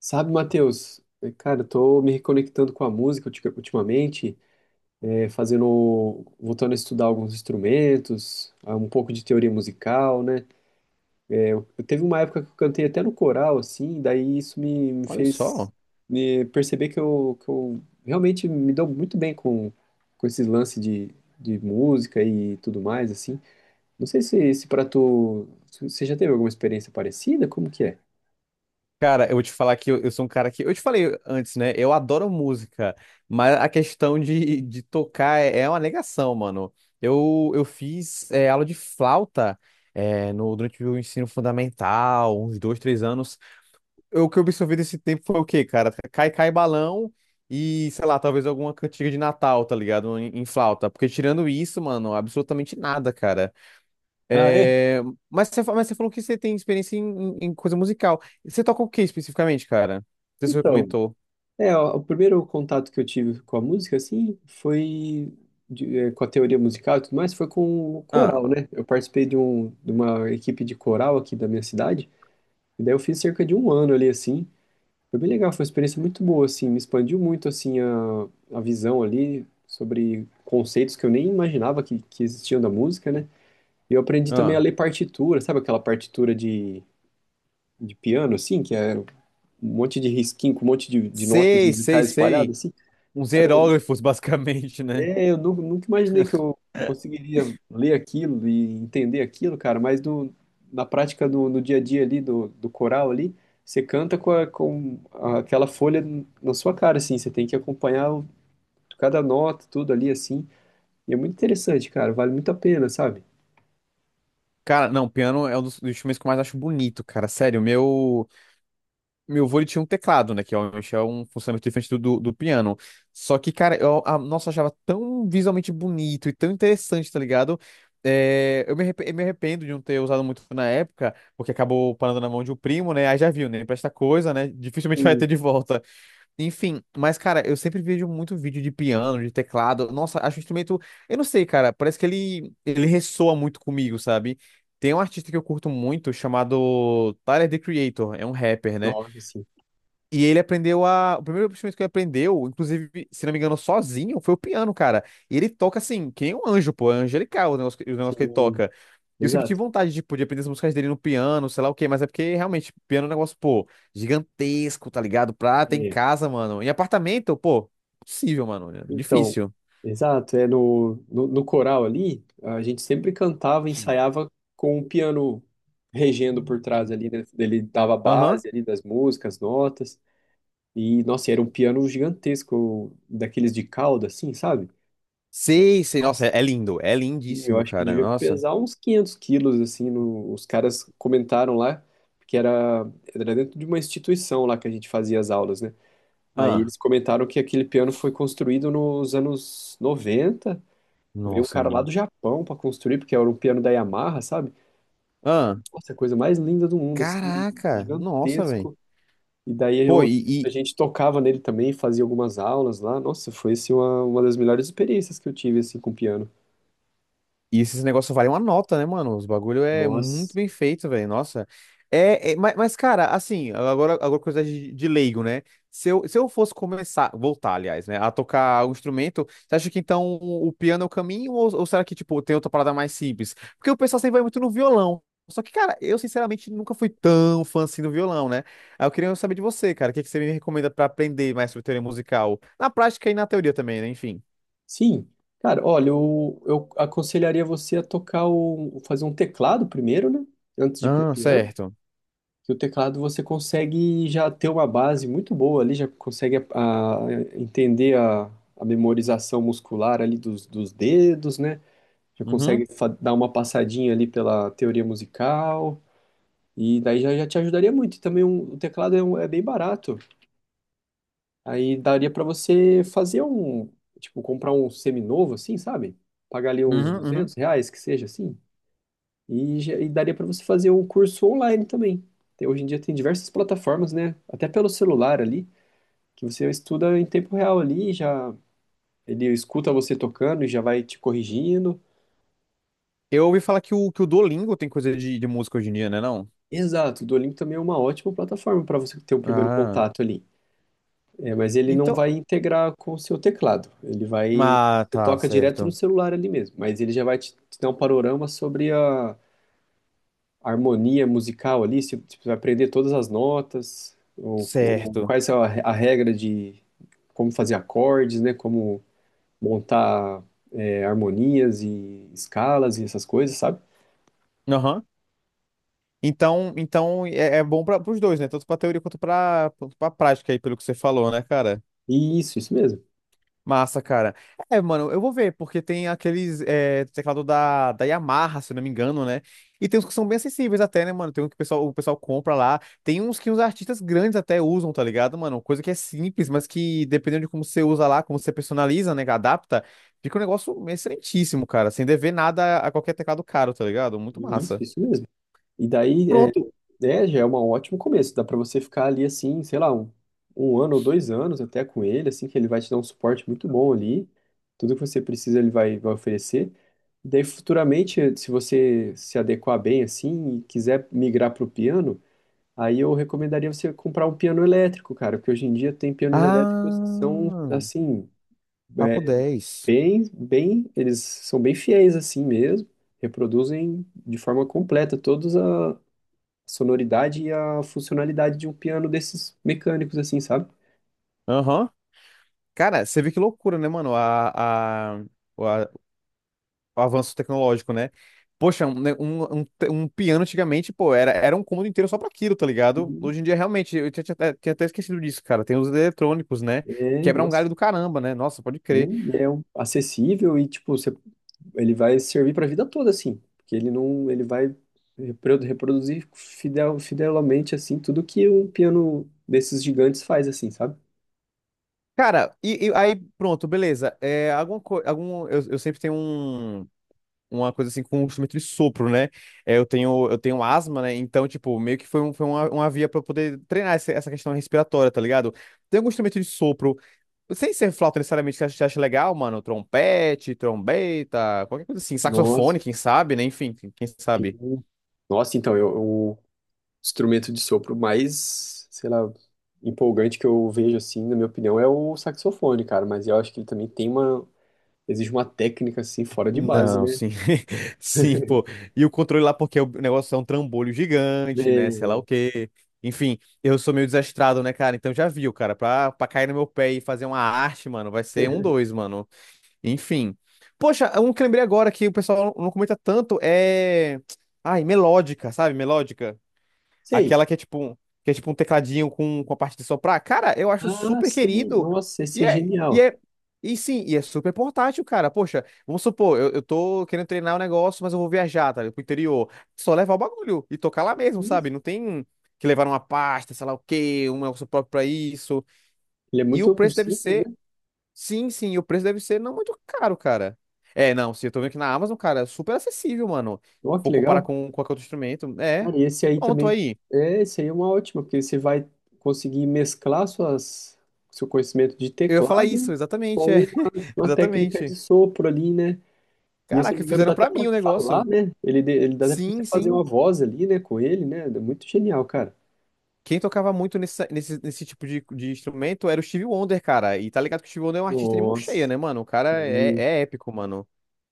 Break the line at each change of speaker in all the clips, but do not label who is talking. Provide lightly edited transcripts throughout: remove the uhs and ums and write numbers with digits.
Sabe, Matheus, cara, eu tô me reconectando com a música ultimamente, fazendo, voltando a estudar alguns instrumentos, um pouco de teoria musical, né? É, eu teve uma época que eu cantei até no coral, assim, daí isso me
Olha
fez
só.
me perceber que eu realmente me dou muito bem com esses lances de música e tudo mais, assim. Não sei se para tu, você já teve alguma experiência parecida, como que é?
Cara, eu vou te falar que eu sou um cara que. Eu te falei antes, né? Eu adoro música, mas a questão de tocar é uma negação, mano. Eu fiz aula de flauta é, no, durante o ensino fundamental, uns dois, três anos. O que eu absorvi desse tempo foi o quê, cara? Cai, cai balão e, sei lá, talvez alguma cantiga de Natal, tá ligado? Em flauta. Porque tirando isso, mano, absolutamente nada, cara.
Ah, é?
É, mas você falou que você tem experiência em coisa musical. Você toca o que especificamente, cara? Não sei se você
Então,
comentou.
é, ó, o primeiro contato que eu tive com a música, assim, foi com a teoria musical e tudo mais, foi com o
Ah,
coral, né? Eu participei de uma equipe de coral aqui da minha cidade, e daí eu fiz cerca de um ano ali, assim. Foi bem legal, foi uma experiência muito boa, assim, me expandiu muito, assim, a visão ali sobre conceitos que eu nem imaginava que existiam da música, né? E eu aprendi também a
ah.
ler partitura, sabe aquela partitura de piano, assim, que é um monte de risquinho com um monte de notas
Sei, sei,
musicais
sei.
espalhadas, assim?
Uns
Cara,
hieróglifos, basicamente, né?
Eu nunca imaginei que eu conseguiria ler aquilo e entender aquilo, cara, mas na prática, do no dia a dia ali, do coral ali, você canta com aquela folha na sua cara, assim, você tem que acompanhar cada nota, tudo ali, assim, e é muito interessante, cara, vale muito a pena, sabe?
Cara, não, piano é um dos instrumentos que eu mais acho bonito, cara. Sério, o meu. Meu vô ele tinha um teclado, né? Que obviamente é um funcionamento diferente do piano. Só que, cara, nossa, eu achava tão visualmente bonito e tão interessante, tá ligado? Eu me arrependo de não ter usado muito na época, porque acabou parando na mão de um primo, né? Aí já viu, né? Empresta coisa, né? Dificilmente vai ter
Sim.
de volta. Enfim, mas, cara, eu sempre vejo muito vídeo de piano, de teclado. Nossa, acho o instrumento. Eu não sei, cara, parece que ele ressoa muito comigo, sabe? Tem um artista que eu curto muito chamado Tyler, The Creator, é um rapper, né?
Nossa, sim,
E ele aprendeu a. O primeiro instrumento que ele aprendeu, inclusive, se não me engano, sozinho, foi o piano, cara. E ele toca assim, que nem um anjo, pô, é angelical o negócio, o negócio que ele
sim,
toca. E eu sempre
exato.
tive vontade, tipo, de aprender as músicas dele no piano, sei lá o quê, mas é porque realmente, piano é um negócio, pô, gigantesco, tá ligado? Pra ter em
É,
casa, mano. Em apartamento, pô, impossível, mano.
então,
Difícil.
exato, é no coral ali, a gente sempre cantava, ensaiava com o piano regendo por trás ali, né? Ele dava a
Aham.
base ali das músicas, notas, e, nossa, era um piano gigantesco, daqueles de cauda, assim, sabe?
Sei, sei.
Nossa,
Nossa, é lindo. É
eu
lindíssimo,
acho que
cara.
devia
Nossa.
pesar uns 500 quilos, assim, os caras comentaram lá, porque era dentro de uma instituição lá que a gente fazia as aulas, né? Aí
Ah,
eles comentaram que aquele piano foi construído nos anos 90. Veio um
nossa,
cara lá
mano.
do Japão para construir, porque era um piano da Yamaha, sabe?
Ah,
Nossa, a coisa mais linda do mundo, assim,
caraca. Nossa, velho.
gigantesco. E daí
Pô,
eu, a
e,
gente tocava nele também, fazia algumas aulas lá. Nossa, foi assim, uma das melhores experiências que eu tive assim com piano.
E esses negócios valem uma nota, né, mano? Os bagulho é muito
Nossa.
bem feito, velho. Nossa. Mas, cara, assim, agora, coisa de leigo, né? Se eu fosse começar, voltar, aliás, né, a tocar o instrumento, você acha que então o piano é o caminho ou será que, tipo, tem outra parada mais simples? Porque o pessoal sempre vai muito no violão. Só que, cara, eu sinceramente nunca fui tão fã assim do violão, né? Aí eu queria saber de você, cara, o que, que você me recomenda pra aprender mais sobre teoria musical? Na prática e na teoria também, né? Enfim.
Sim. Cara, olha, eu aconselharia você a fazer um teclado primeiro, né? Antes de ir pro
Ah,
piano.
certo.
Que o teclado você consegue já ter uma base muito boa ali, já consegue entender a memorização muscular ali dos dedos, né? Já
Uhum,
consegue dar uma passadinha ali pela teoria musical, e daí já te ajudaria muito. E também o teclado é bem barato, aí daria para você fazer tipo, comprar um semi-novo assim, sabe? Pagar ali uns
uhum, uhum.
R$ 200, que seja assim. E, e daria para você fazer um curso online também. Hoje em dia tem diversas plataformas, né? Até pelo celular ali, que você estuda em tempo real ali, e já ele escuta você tocando e já vai te corrigindo.
Eu ouvi falar que o Duolingo tem coisa de música hoje em dia, né, não?
Exato, o Duolingo também é uma ótima plataforma para você ter um primeiro
Ah,
contato ali. É, mas ele não
então.
vai integrar com o seu teclado. Ele vai,
Ah,
você
tá,
toca direto no
certo.
celular ali mesmo, mas ele já vai te dar um panorama sobre harmonia musical ali, se você vai aprender todas as notas, ou
Certo.
quais é a regra de como fazer acordes, né? Como montar harmonias e escalas e essas coisas, sabe?
Aham. Então é bom para os dois, né? Tanto pra teoria quanto pra prática aí, pelo que você falou, né, cara?
E isso mesmo.
Massa, cara. É, mano, eu vou ver, porque tem aqueles teclado da Yamaha, se eu não me engano, né? E tem uns que são bem acessíveis até, né, mano? Tem um que o pessoal compra lá. Tem uns que uns artistas grandes até usam, tá ligado, mano? Coisa que é simples, mas que dependendo de como você usa lá, como você personaliza, né, que adapta, fica um negócio excelentíssimo, cara. Sem dever nada a qualquer teclado caro, tá ligado? Muito
Isso,
massa.
isso mesmo. E daí,
Pronto.
já é um ótimo começo. Dá para você ficar ali assim, sei lá, um ano ou 2 anos até com ele, assim, que ele vai te dar um suporte muito bom ali. Tudo que você precisa ele vai oferecer. E daí, futuramente, se você se adequar bem assim e quiser migrar pro piano, aí eu recomendaria você comprar um piano elétrico, cara, porque hoje em dia tem pianos elétricos que são,
Ah,
assim,
papo
é,
dez.
eles são bem fiéis assim mesmo, reproduzem de forma completa todas a sonoridade e a funcionalidade de um piano desses mecânicos, assim, sabe?
Aham. Cara, você vê que loucura, né, mano? A, avanço tecnológico, né? Poxa, um piano antigamente, pô, era um cômodo inteiro só pra aquilo, tá ligado?
Sim,
Hoje em dia, realmente, eu tinha até esquecido disso, cara. Tem os eletrônicos, né? Quebra um galho
nossa.
do caramba, né? Nossa, pode crer.
Sim, acessível e, tipo, você, ele vai servir pra vida toda, assim. Porque ele não, ele vai reproduzir fidelmente, assim, tudo que um piano desses gigantes faz, assim, sabe?
Cara, e aí, pronto, beleza. Eu sempre tenho uma coisa assim com um instrumento de sopro, né? Eu tenho asma, né? Então, tipo, meio que foi uma via pra eu poder treinar essa questão respiratória, tá ligado? Tem algum instrumento de sopro sem ser flauta necessariamente que a gente acha legal, mano. Trompete, trombeta, qualquer coisa assim.
Nossa,
Saxofone, quem sabe, né? Enfim, quem sabe.
sim. Nossa, então, o instrumento de sopro mais, sei lá, empolgante que eu vejo, assim, na minha opinião, é o saxofone, cara. Mas eu acho que ele também exige uma técnica assim fora de base,
Não,
né?
sim. Sim, pô. E o controle lá, porque o negócio é um trambolho gigante, né? Sei lá o
É,
quê. Enfim, eu sou meio desastrado, né, cara? Então já viu, cara. Pra cair no meu pé e fazer uma arte, mano, vai ser um dois, mano. Enfim. Poxa, um que lembrei agora que o pessoal não comenta tanto é. Ai, melódica, sabe? Melódica.
sei.
Aquela que é tipo um tecladinho com a parte de soprar. Cara, eu acho
Ah,
super
sei.
querido.
Nossa, esse
E
é
é, e
genial.
é, e é super portátil, cara. Poxa, vamos supor, eu tô querendo treinar o um negócio, mas eu vou viajar, ligado? Pro interior. Só levar o bagulho e tocar lá mesmo, sabe?
Isso.
Não tem que levar uma pasta, sei lá o quê, um negócio próprio pra isso.
Ele é
E o
muito
preço deve
simples,
ser,
né?
sim, sim, e o preço deve ser não muito caro, cara. É, não, se eu tô vendo aqui na Amazon, cara, é super acessível, mano.
Ó, que
Vou comparar
legal.
com qualquer outro instrumento.
Cara, e esse aí
Pronto
também.
aí.
É, esse aí é uma ótima, porque você vai conseguir mesclar seu conhecimento de
Eu ia falar isso,
teclado,
exatamente, é.
uma técnica de
Exatamente.
sopro ali, né? E se eu não
Caraca,
me engano, dá
fizeram
até
pra
pra
mim o
falar,
negócio.
né? Ele, ele dá até pra você
Sim,
fazer uma
sim.
voz ali, né? Com ele, né? É muito genial, cara.
Quem tocava muito nesse tipo de instrumento era o Stevie Wonder, cara. E tá ligado que o Stevie Wonder é um artista de mão cheia,
Nossa.
né, mano? O cara é épico, mano.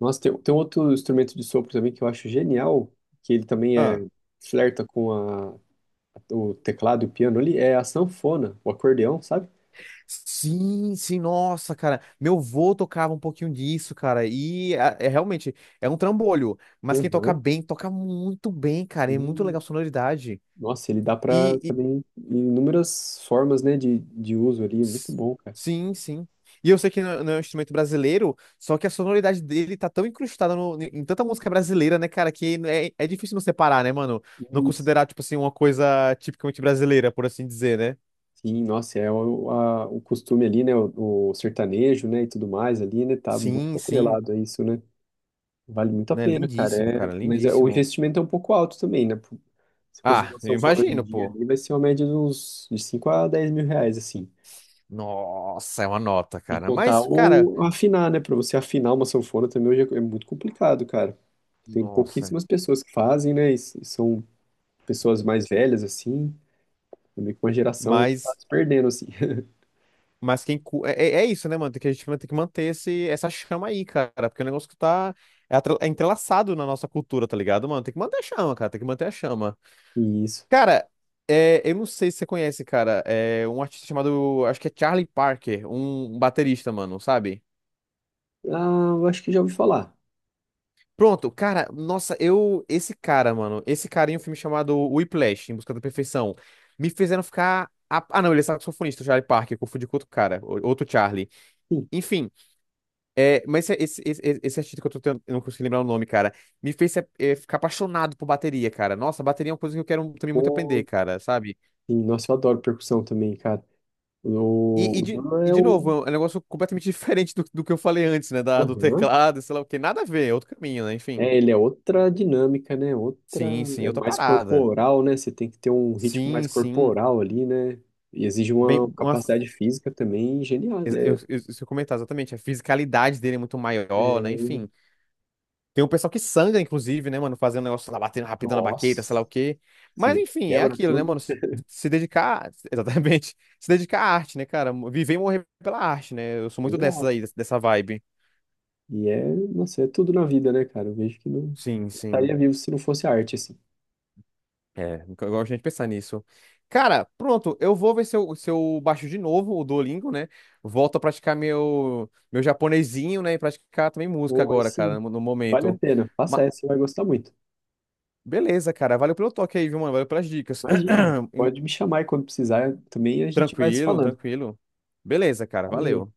Nossa, tem um outro instrumento de sopro também que eu acho genial, que ele também
Ah.
flerta com o teclado e o piano ali, é a sanfona, o acordeão, sabe?
Sim, sim, nossa, cara. Meu vô tocava um pouquinho disso, cara. E é realmente, é um trambolho. Mas quem toca
Aham,
bem, toca muito bem, cara. É muito
sim.
legal a sonoridade.
Nossa, ele dá para
E
também inúmeras formas, né, de uso ali, muito
S-
bom, cara.
Sim, sim. E eu sei que não é um instrumento brasileiro, só que a sonoridade dele tá tão incrustada em tanta música brasileira, né, cara, que é difícil não separar, né, mano? Não
Isso.
considerar, tipo assim, uma coisa tipicamente brasileira, por assim dizer, né?
Sim, nossa, é o costume ali, né, o sertanejo, né, e tudo mais ali, né, tá muito
Sim, sim.
atrelado a isso, né? Vale muito a
Né,
pena,
lindíssimo,
cara, é,
cara,
mas é, o
lindíssimo.
investimento é um pouco alto também, né? Se conseguir
Ah,
uma
eu
sanfona hoje em
imagino,
dia
pô.
ali, vai ser uma média de uns de 5 a 10 mil reais, assim.
Nossa, é uma nota,
E
cara.
contar
Mas, cara,
ou afinar, né? Pra você afinar uma sanfona também hoje é muito complicado, cara. Tem
nossa.
pouquíssimas pessoas que fazem, né? E são pessoas mais velhas, assim. É meio que uma geração que tá
Mas.
se perdendo, assim.
Mas quem. Cu- É, é é isso, né, mano? Tem que, a gente vai ter que manter essa chama aí, cara. Porque é um negócio que tá. É entrelaçado na nossa cultura, tá ligado, mano? Tem que manter a chama, cara. Tem que manter a chama.
E isso.
Cara, eu não sei se você conhece, cara. É um artista chamado. Acho que é Charlie Parker, um baterista, mano, sabe?
Ah, eu acho que já ouvi falar.
Pronto, cara. Nossa, eu. Esse cara, mano. Esse cara em um filme chamado Whiplash, Em Busca da Perfeição. Me fizeram ficar. Ah, não, ele é saxofonista, o Charlie Parker. Eu Confundi com outro cara, outro Charlie.
Sim.
Enfim. Mas é esse artista que eu tô tendo, eu não consigo lembrar o nome, cara, me fez ficar apaixonado por bateria, cara. Nossa, bateria é uma coisa que eu quero também muito aprender,
Pô,
cara, sabe?
sim. Nossa, eu adoro percussão também, cara.
E, e,
O
de,
Dan
e
é
de novo,
o.
é um negócio completamente diferente do que eu falei antes, né? Do
Aham.
teclado, sei lá o quê. Nada a ver, é outro caminho, né? Enfim.
É, ele é outra dinâmica, né? Outra,
Sim, sim,
é
outra
mais
parada.
corporal, né? Você tem que ter um ritmo mais
Sim, sim.
corporal ali, né? E exige uma
Bem, uma, f-
capacidade física também genial.
eu, se eu comentar exatamente, a fisicalidade dele é muito maior, né?
É,
Enfim. Tem um pessoal que sangra, inclusive, né, mano? Fazendo negócio lá, batendo rapidão na baqueta, sei lá
Nossa,
o quê. Mas,
sim,
enfim, é
quebra
aquilo, né,
tudo.
mano? Se dedicar, exatamente, se dedicar à arte, né, cara? Viver e morrer pela arte, né? Eu sou muito dessas
Exato.
aí, dessa vibe.
E é, nossa, é tudo na vida, né, cara? Eu vejo que não
Sim, sim.
estaria vivo se não fosse arte, assim.
Eu gosto de gente pensar nisso. Cara, pronto, eu vou ver se eu, se eu baixo de novo o Duolingo, né? Volto a praticar meu japonesinho, né? E praticar também música
Ou aí
agora,
sim,
cara, no
vale a
momento.
pena. Faça
Ma-
essa, você vai gostar muito.
Beleza, cara. Valeu pelo toque aí, viu, mano? Valeu pelas dicas.
Imagina, pode me chamar aí quando precisar também, a gente vai se
Tranquilo,
falando.
tranquilo. Beleza, cara,
Valeu.
valeu.